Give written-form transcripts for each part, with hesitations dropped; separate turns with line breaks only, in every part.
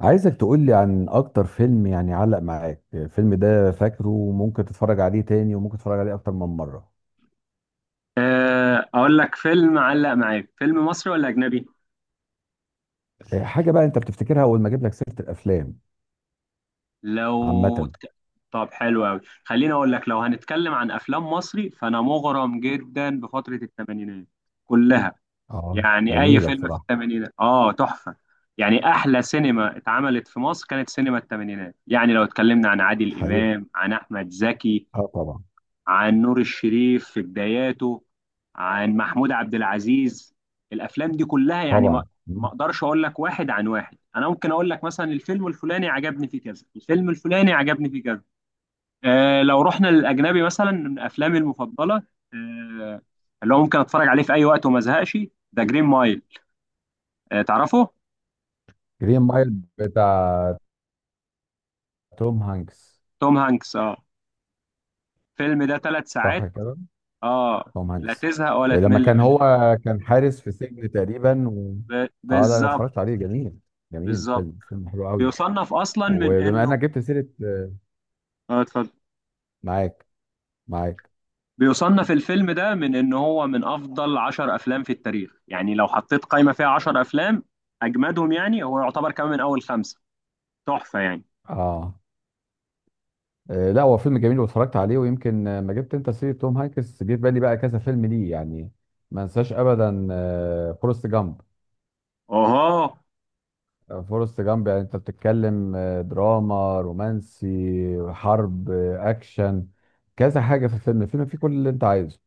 عايزك تقولي عن اكتر فيلم يعني علق معاك، الفيلم ده فاكره وممكن تتفرج عليه تاني وممكن تتفرج عليه اكتر من مرة.
آه، اقول لك، فيلم علق معاك فيلم مصري ولا اجنبي؟
إيه، حاجة بقى انت بتفتكرها اول ما اجيب لك سيرة الافلام
لو
عامة.
ت- طب حلو قوي، خليني اقول لك. لو هنتكلم عن افلام مصري فانا مغرم جدا بفترة الثمانينات كلها.
اه،
يعني اي
جميلة
فيلم في
بصراحة.
الثمانينات اه تحفة. يعني احلى سينما اتعملت في مصر كانت سينما الثمانينات. يعني لو اتكلمنا عن عادل
حقيقة.
امام، عن احمد زكي،
اه، طبعا
عن نور الشريف في بداياته، عن محمود عبد العزيز، الافلام دي كلها يعني ما
طبعا.
ما اقدرش اقول لك واحد عن واحد. انا ممكن اقول لك مثلا الفيلم الفلاني عجبني فيه كذا، الفيلم الفلاني عجبني فيه كذا. آه لو رحنا للاجنبي مثلا، من افلامي المفضله، آه اللي هو ممكن اتفرج عليه في اي وقت وما ازهقش، ذا جرين مايل. آه، تعرفه؟
جرين مايل، بتاع توم هانكس،
توم هانكس، اه. الفيلم ده ثلاث
صح
ساعات،
كده.
اه،
توم
لا
هانكس.
تزهق ولا
إيه، لما
تمل
كان
منه.
هو كان حارس في سجن تقريبا
ب-
اه، لا انا
بالظبط
اتفرجت عليه، جميل، جميل
بالظبط.
فيلم، فيلم حلو قوي.
بيصنف اصلا من
وبما
انه،
انك جبت سيرة
اه، اتفضل.
معاك معاك،
بيصنف الفيلم ده من ان هو من افضل عشر افلام في التاريخ. يعني لو حطيت قائمة فيها عشر افلام اجمدهم، يعني هو يعتبر كمان من اول خمسة. تحفة يعني.
اه. لا هو فيلم جميل واتفرجت عليه، ويمكن ما جبت انت سيرة توم هانكس جه في بالي بقى كذا فيلم ليه يعني، ما انساش ابدا فورست جامب.
اوه،
فورست جامب، يعني انت بتتكلم دراما رومانسي، حرب اكشن، كذا حاجة في الفيلم. الفيلم فيه كل اللي انت عايزه،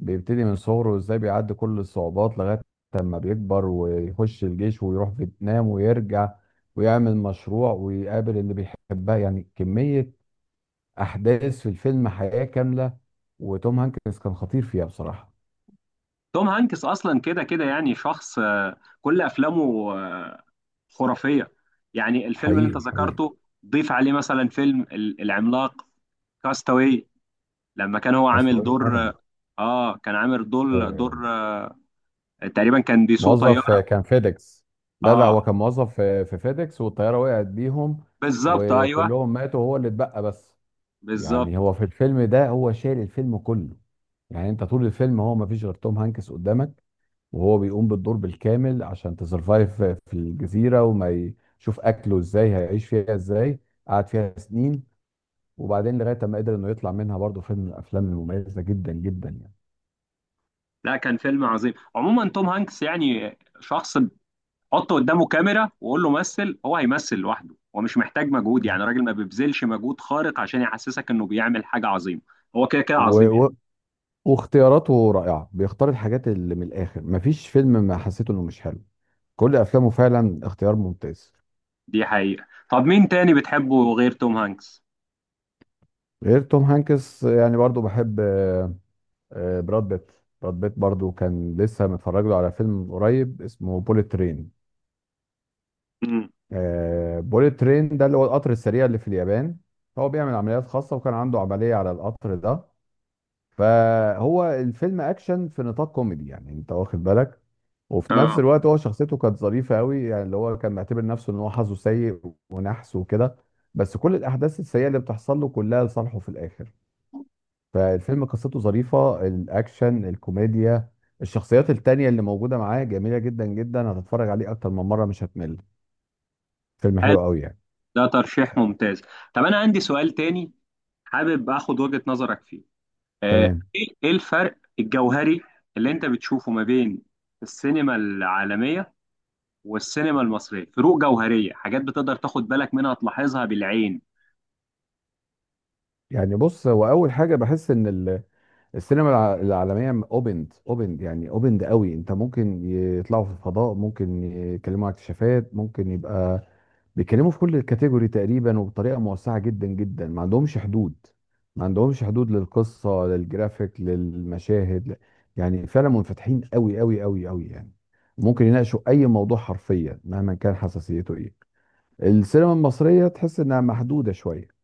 بيبتدي من صغره وازاي بيعدي كل الصعوبات لغاية لما بيكبر ويخش الجيش ويروح فيتنام ويرجع ويعمل مشروع ويقابل اللي بيحبها، يعني كمية احداث في الفيلم، حياه كامله. وتوم هانكس كان خطير فيها بصراحه.
توم هانكس اصلا كده كده يعني شخص، كل افلامه خرافية. يعني الفيلم اللي انت
حقيقي حقيقي.
ذكرته، ضيف عليه مثلا فيلم العملاق، كاستاوي، لما كان هو
بس
عامل
طبيعي
دور،
طبعا.
اه، كان عامل دور،
آه،
تقريبا كان بيسوق طيارة.
موظف كان فيديكس. لا لا،
اه
هو كان موظف في فيديكس والطياره وقعت بيهم،
بالظبط، ايوه،
وكلهم ماتوا وهو اللي اتبقى بس.
بالظبط.
يعني هو في الفيلم ده هو شايل الفيلم كله، يعني انت طول الفيلم هو ما فيش غير توم هانكس قدامك، وهو بيقوم بالدور بالكامل عشان تسرفايف في الجزيره يشوف اكله ازاي، هيعيش فيها ازاي. قعد فيها سنين، وبعدين لغايه ما قدر انه يطلع منها. برضه فيلم من الافلام المميزه جدا جدا يعني.
لا كان فيلم عظيم. عموما توم هانكس يعني شخص، حط قدامه كاميرا وقول له مثل، هو هيمثل لوحده. هو مش محتاج مجهود. يعني راجل ما بيبذلش مجهود خارق عشان يحسسك انه بيعمل حاجة عظيمة. هو كده كده
و...
عظيم يعني.
و... واختياراته رائعه، بيختار الحاجات اللي من الاخر، مفيش فيلم ما حسيته انه مش حلو. كل افلامه فعلا اختيار ممتاز.
دي حقيقة. طب مين تاني بتحبه غير توم هانكس؟
غير توم هانكس يعني برضه بحب براد بيت. براد بيت برضه كان لسه متفرج له على فيلم من قريب اسمه بوليت ترين.
امم،
بوليت ترين ده اللي هو القطر السريع اللي في اليابان. هو بيعمل عمليات خاصة وكان عنده عملية على القطر ده. فهو الفيلم اكشن في نطاق كوميدي، يعني انت واخد بالك، وفي نفس
اه،
الوقت هو شخصيته كانت ظريفه قوي. يعني اللي هو كان معتبر نفسه ان هو حظه سيء ونحس وكده، بس كل الاحداث السيئه اللي بتحصل له كلها لصالحه في الاخر. فالفيلم قصته ظريفه، الاكشن، الكوميديا، الشخصيات التانية اللي موجوده معاه جميله جدا جدا، هتتفرج عليه اكتر من مره مش هتمل، فيلم
حلو،
حلو قوي يعني.
ده ترشيح ممتاز. طب انا عندي سؤال تاني، حابب اخد وجهة نظرك فيه. آه،
تمام.
ايه إيه الفرق الجوهري اللي انت بتشوفه ما بين السينما العالمية والسينما المصرية؟ فروق جوهرية، حاجات بتقدر تاخد بالك منها، تلاحظها بالعين.
يعني بص هو اول حاجه بحس ان السينما العالمية اوبند اوبند يعني اوبند قوي، انت ممكن يطلعوا في الفضاء، ممكن يتكلموا عن اكتشافات، ممكن يبقى بيتكلموا في كل الكاتيجوري تقريبا وبطريقة موسعة جدا جدا، ما عندهمش حدود، ما عندهمش حدود للقصة، للجرافيك، للمشاهد، يعني فعلا منفتحين قوي قوي قوي قوي يعني. ممكن يناقشوا اي موضوع حرفيا مهما كان حساسيته ايه. السينما المصرية تحس انها محدودة شوية،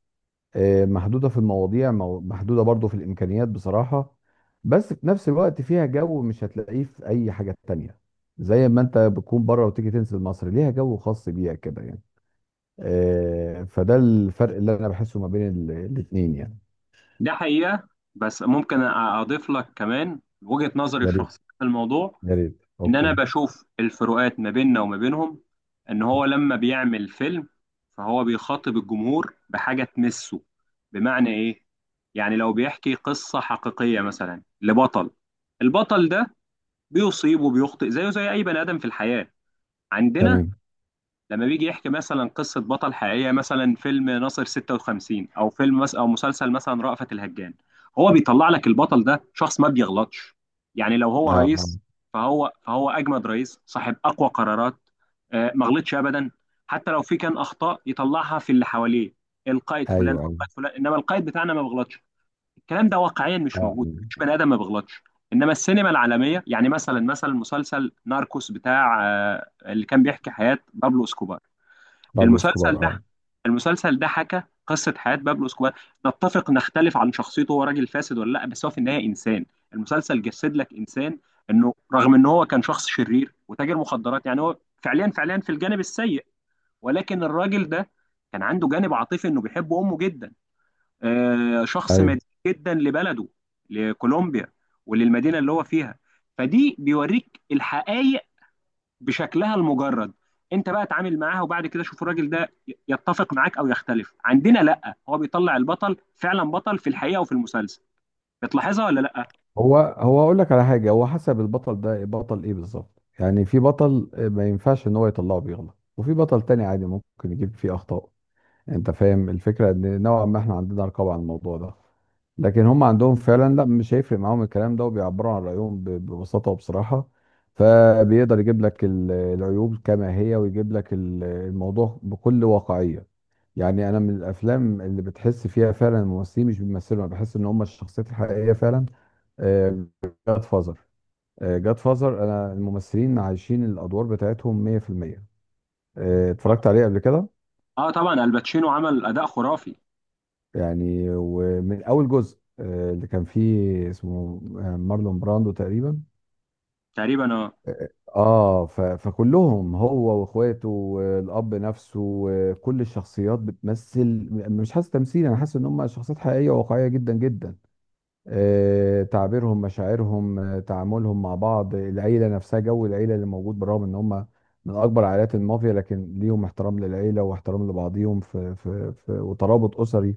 محدودة في المواضيع، محدودة برضو في الإمكانيات بصراحة. بس في نفس الوقت فيها جو مش هتلاقيه في أي حاجة تانية، زي ما أنت بتكون بره وتيجي تنزل مصر ليها جو خاص بيها كده يعني. فده الفرق اللي أنا بحسه ما بين الاتنين يعني.
ده حقيقة. بس ممكن أضيف لك كمان وجهة نظري
يا ريت
الشخصية في الموضوع.
يا ريت،
إن أنا
أوكي.
بشوف الفروقات ما بيننا وما بينهم، إن هو لما بيعمل فيلم فهو بيخاطب الجمهور بحاجة تمسه. بمعنى إيه؟ يعني لو بيحكي قصة حقيقية مثلا لبطل، البطل ده بيصيب وبيخطئ زيه زي أي بني آدم في الحياة. عندنا
تمام.
لما بيجي يحكي مثلا قصة بطل حقيقية، مثلا فيلم ناصر 56 أو فيلم مثلا، أو مسلسل مثلا رأفت الهجان، هو بيطلع لك البطل ده شخص ما بيغلطش. يعني لو هو
أه آه.
رئيس فهو أجمد رئيس، صاحب أقوى قرارات، آه، ما غلطش أبدا. حتى لو في كان أخطاء يطلعها في اللي حواليه، القائد
أيوه
فلان،
أيوه.
القائد فلان، إنما القائد بتاعنا ما بيغلطش. الكلام ده واقعيا
أه
مش
آه.
موجود، مش بني آدم ما بيغلطش. إنما السينما العالمية، يعني مثلا مسلسل ناركوس بتاع، اللي كان بيحكي حياة بابلو اسكوبار،
بابلو
المسلسل
اسكوبار،
ده
أه.
المسلسل ده حكى قصة حياة بابلو اسكوبار. نتفق نختلف عن شخصيته، هو راجل فاسد ولا لا، بس هو في النهاية إنسان. المسلسل جسد لك إنسان، إنه رغم إن هو كان شخص شرير وتاجر مخدرات، يعني هو فعليا في الجانب السيء، ولكن الراجل ده كان عنده جانب عاطفي، إنه بيحب أمه جدا، آه، شخص
أيوه.
مدين جدا لبلده، لكولومبيا وللمدينة اللي هو فيها. فدي بيوريك الحقائق بشكلها المجرد. انت بقى اتعامل معاها، وبعد كده شوف الراجل ده يتفق معاك او يختلف. عندنا لا، هو بيطلع البطل فعلا بطل في الحقيقه وفي المسلسل. بتلاحظها ولا لا؟
هو اقول لك على حاجه، هو حسب البطل ده بطل ايه بالظبط. يعني في بطل ما ينفعش ان هو يطلعه بيغلط، وفي بطل تاني عادي ممكن يجيب فيه اخطاء. انت فاهم الفكره، ان نوعا ما احنا عندنا رقابه على الموضوع ده، لكن هم عندهم فعلا لا، مش هيفرق معاهم الكلام ده، وبيعبروا عن رايهم ببساطه وبصراحه. فبيقدر يجيب لك العيوب كما هي، ويجيب لك الموضوع بكل واقعيه. يعني انا من الافلام اللي بتحس فيها فعلا الممثلين مش بيمثلوا، انا بحس ان هم الشخصيات الحقيقيه فعلا. جاد فازر، جاد فازر، انا الممثلين عايشين الادوار بتاعتهم 100%.
اه،
اتفرجت عليه قبل كده.
آه، طبعا الباتشينو عمل اداء خرافي.
يعني ومن اول جزء اللي كان فيه اسمه مارلون براندو تقريبا.
تقريبا اه.
اه، فكلهم هو واخواته والاب نفسه وكل الشخصيات بتمثل، مش حاسس تمثيل، انا حاسس ان هم شخصيات حقيقيه وواقعيه جدا جدا. تعبيرهم، مشاعرهم، تعاملهم مع بعض، العيلة نفسها، جو العيلة اللي موجود، بالرغم ان هم من اكبر عائلات المافيا لكن ليهم احترام للعيلة واحترام لبعضيهم في وترابط اسري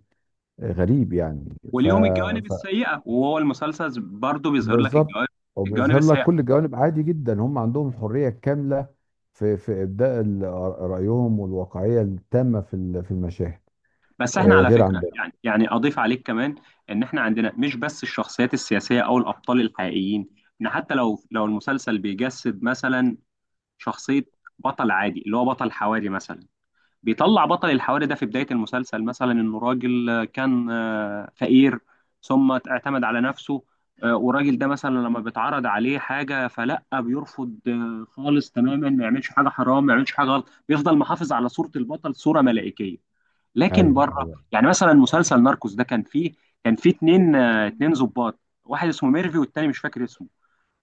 غريب يعني. ف,
وليهم الجوانب
ف
السيئه، وهو المسلسل برضه بيظهر لك
بالظبط،
الجوانب
وبيظهر لك
السيئه.
كل الجوانب عادي جدا. هم عندهم الحرية الكاملة في ابداء رأيهم، والواقعية التامة في في المشاهد.
بس احنا على
غير عن
فكره،
ده.
يعني اضيف عليك كمان، ان احنا عندنا مش بس الشخصيات السياسيه او الابطال الحقيقيين، ان حتى لو المسلسل بيجسد مثلا شخصية بطل عادي، اللي هو بطل حواري مثلا، بيطلع بطل الحواري ده في بداية المسلسل مثلا إنه راجل، آه، كان، فقير ثم اعتمد على نفسه. والراجل ده مثلا لما بيتعرض عليه حاجة فلأ بيرفض، خالص تماما، ما يعملش حاجة حرام، ما يعملش حاجة غلط، بيفضل محافظ على صورة البطل، صورة ملائكية. لكن
ايوه
بره،
ايوه،
يعني مثلا مسلسل ناركوس ده كان فيه اتنين، اتنين ظباط، واحد اسمه ميرفي والتاني مش فاكر اسمه.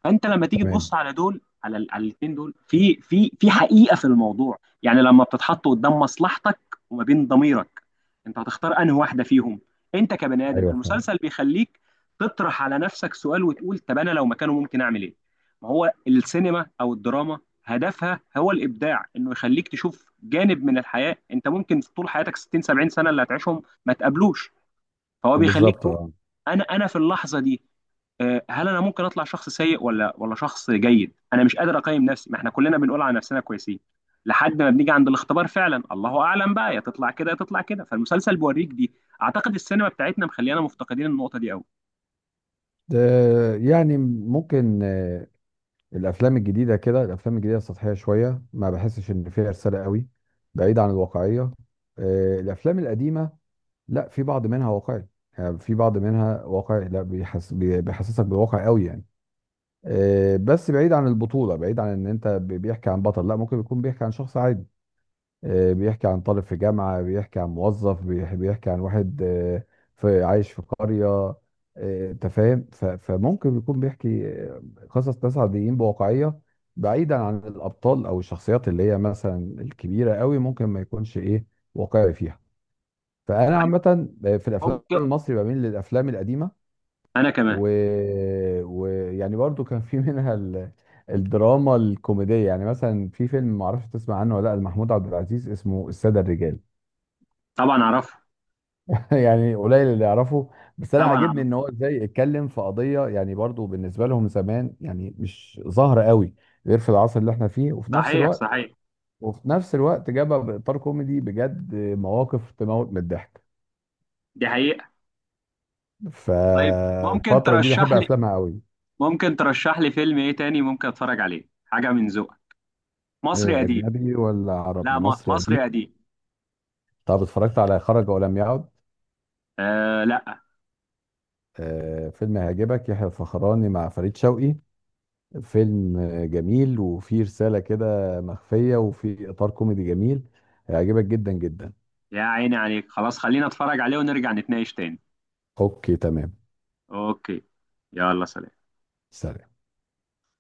فانت لما تيجي
تمام.
تبص على دول، على على الاثنين دول في في حقيقه في الموضوع، يعني لما بتتحط قدام مصلحتك وما بين ضميرك، انت هتختار انهي واحده فيهم؟ انت كبني ادم،
ايوه، فهمت،
المسلسل بيخليك تطرح على نفسك سؤال وتقول طب انا لو مكانه ممكن اعمل ايه. ما هو السينما او الدراما هدفها هو الابداع، انه يخليك تشوف جانب من الحياه انت ممكن طول حياتك 60 70 سنه اللي هتعيشهم ما تقابلوش. فهو بيخليك
بالظبط،
تقول
اه.
انا في اللحظه دي، هل انا ممكن اطلع شخص سيء ولا شخص جيد؟ انا مش قادر اقيم نفسي، ما احنا كلنا بنقول على نفسنا كويسين لحد ما بنيجي عند الاختبار. فعلا الله اعلم بقى، يا تطلع كده يا تطلع كده. فالمسلسل بيوريك دي. اعتقد السينما بتاعتنا مخلينا مفتقدين النقطه دي قوي.
ده يعني ممكن الافلام الجديده كده، الافلام الجديده سطحيه شويه، ما بحسش ان فيها رساله قوي، بعيد عن الواقعيه. الافلام القديمه لا، في بعض منها واقعي. يعني في بعض منها واقعي، لا بيحس بيحسسك بالواقع قوي يعني. بس بعيد عن البطوله، بعيد عن ان انت بيحكي عن بطل، لا ممكن يكون بيحكي عن شخص عادي. بيحكي عن طالب في جامعة، بيحكي عن موظف، بيحكي عن واحد في عايش في قرية. انت فاهم، فممكن يكون بيحكي قصص ناس عاديين بواقعية، بعيدا عن الأبطال أو الشخصيات اللي هي مثلا الكبيرة قوي ممكن ما يكونش إيه واقعي فيها. فأنا عامة في الأفلام
ممكن،
المصري بميل للأفلام القديمة،
انا كمان.
ويعني ويعني برضو كان في منها الدراما الكوميدية. يعني مثلا في فيلم معرفش تسمع عنه ولا لأ، لمحمود عبد العزيز اسمه السادة الرجال
طبعا اعرفه.
يعني قليل اللي يعرفه. بس انا
طبعا
عاجبني
اعرفه.
ان هو ازاي اتكلم في قضيه يعني برضو بالنسبه لهم زمان يعني مش ظاهره قوي غير في العصر اللي احنا فيه. وفي نفس
صحيح
الوقت،
صحيح.
وفي نفس الوقت جابها باطار كوميدي، بجد مواقف تموت من الضحك.
دي حقيقه. طيب ممكن
فالفتره دي
ترشح
بحب
لي،
افلامها قوي.
ممكن ترشح لي فيلم ايه تاني ممكن اتفرج عليه، حاجه من ذوقك، مصري
إيه،
قديم.
اجنبي ولا عربي
لا،
مصري قديم؟
مصري قديم.
طب اتفرجت على خرج ولم يعد؟
آه لا.
فيلم هيعجبك، يحيى الفخراني مع فريد شوقي، فيلم جميل وفيه رسالة كده مخفية وفيه إطار كوميدي جميل، هيعجبك جدا جدا.
يا عيني عليك، خلاص خلينا اتفرج عليه ونرجع نتناقش تاني.
أوكي، تمام.
اوكي، يلا سلام.
سلام.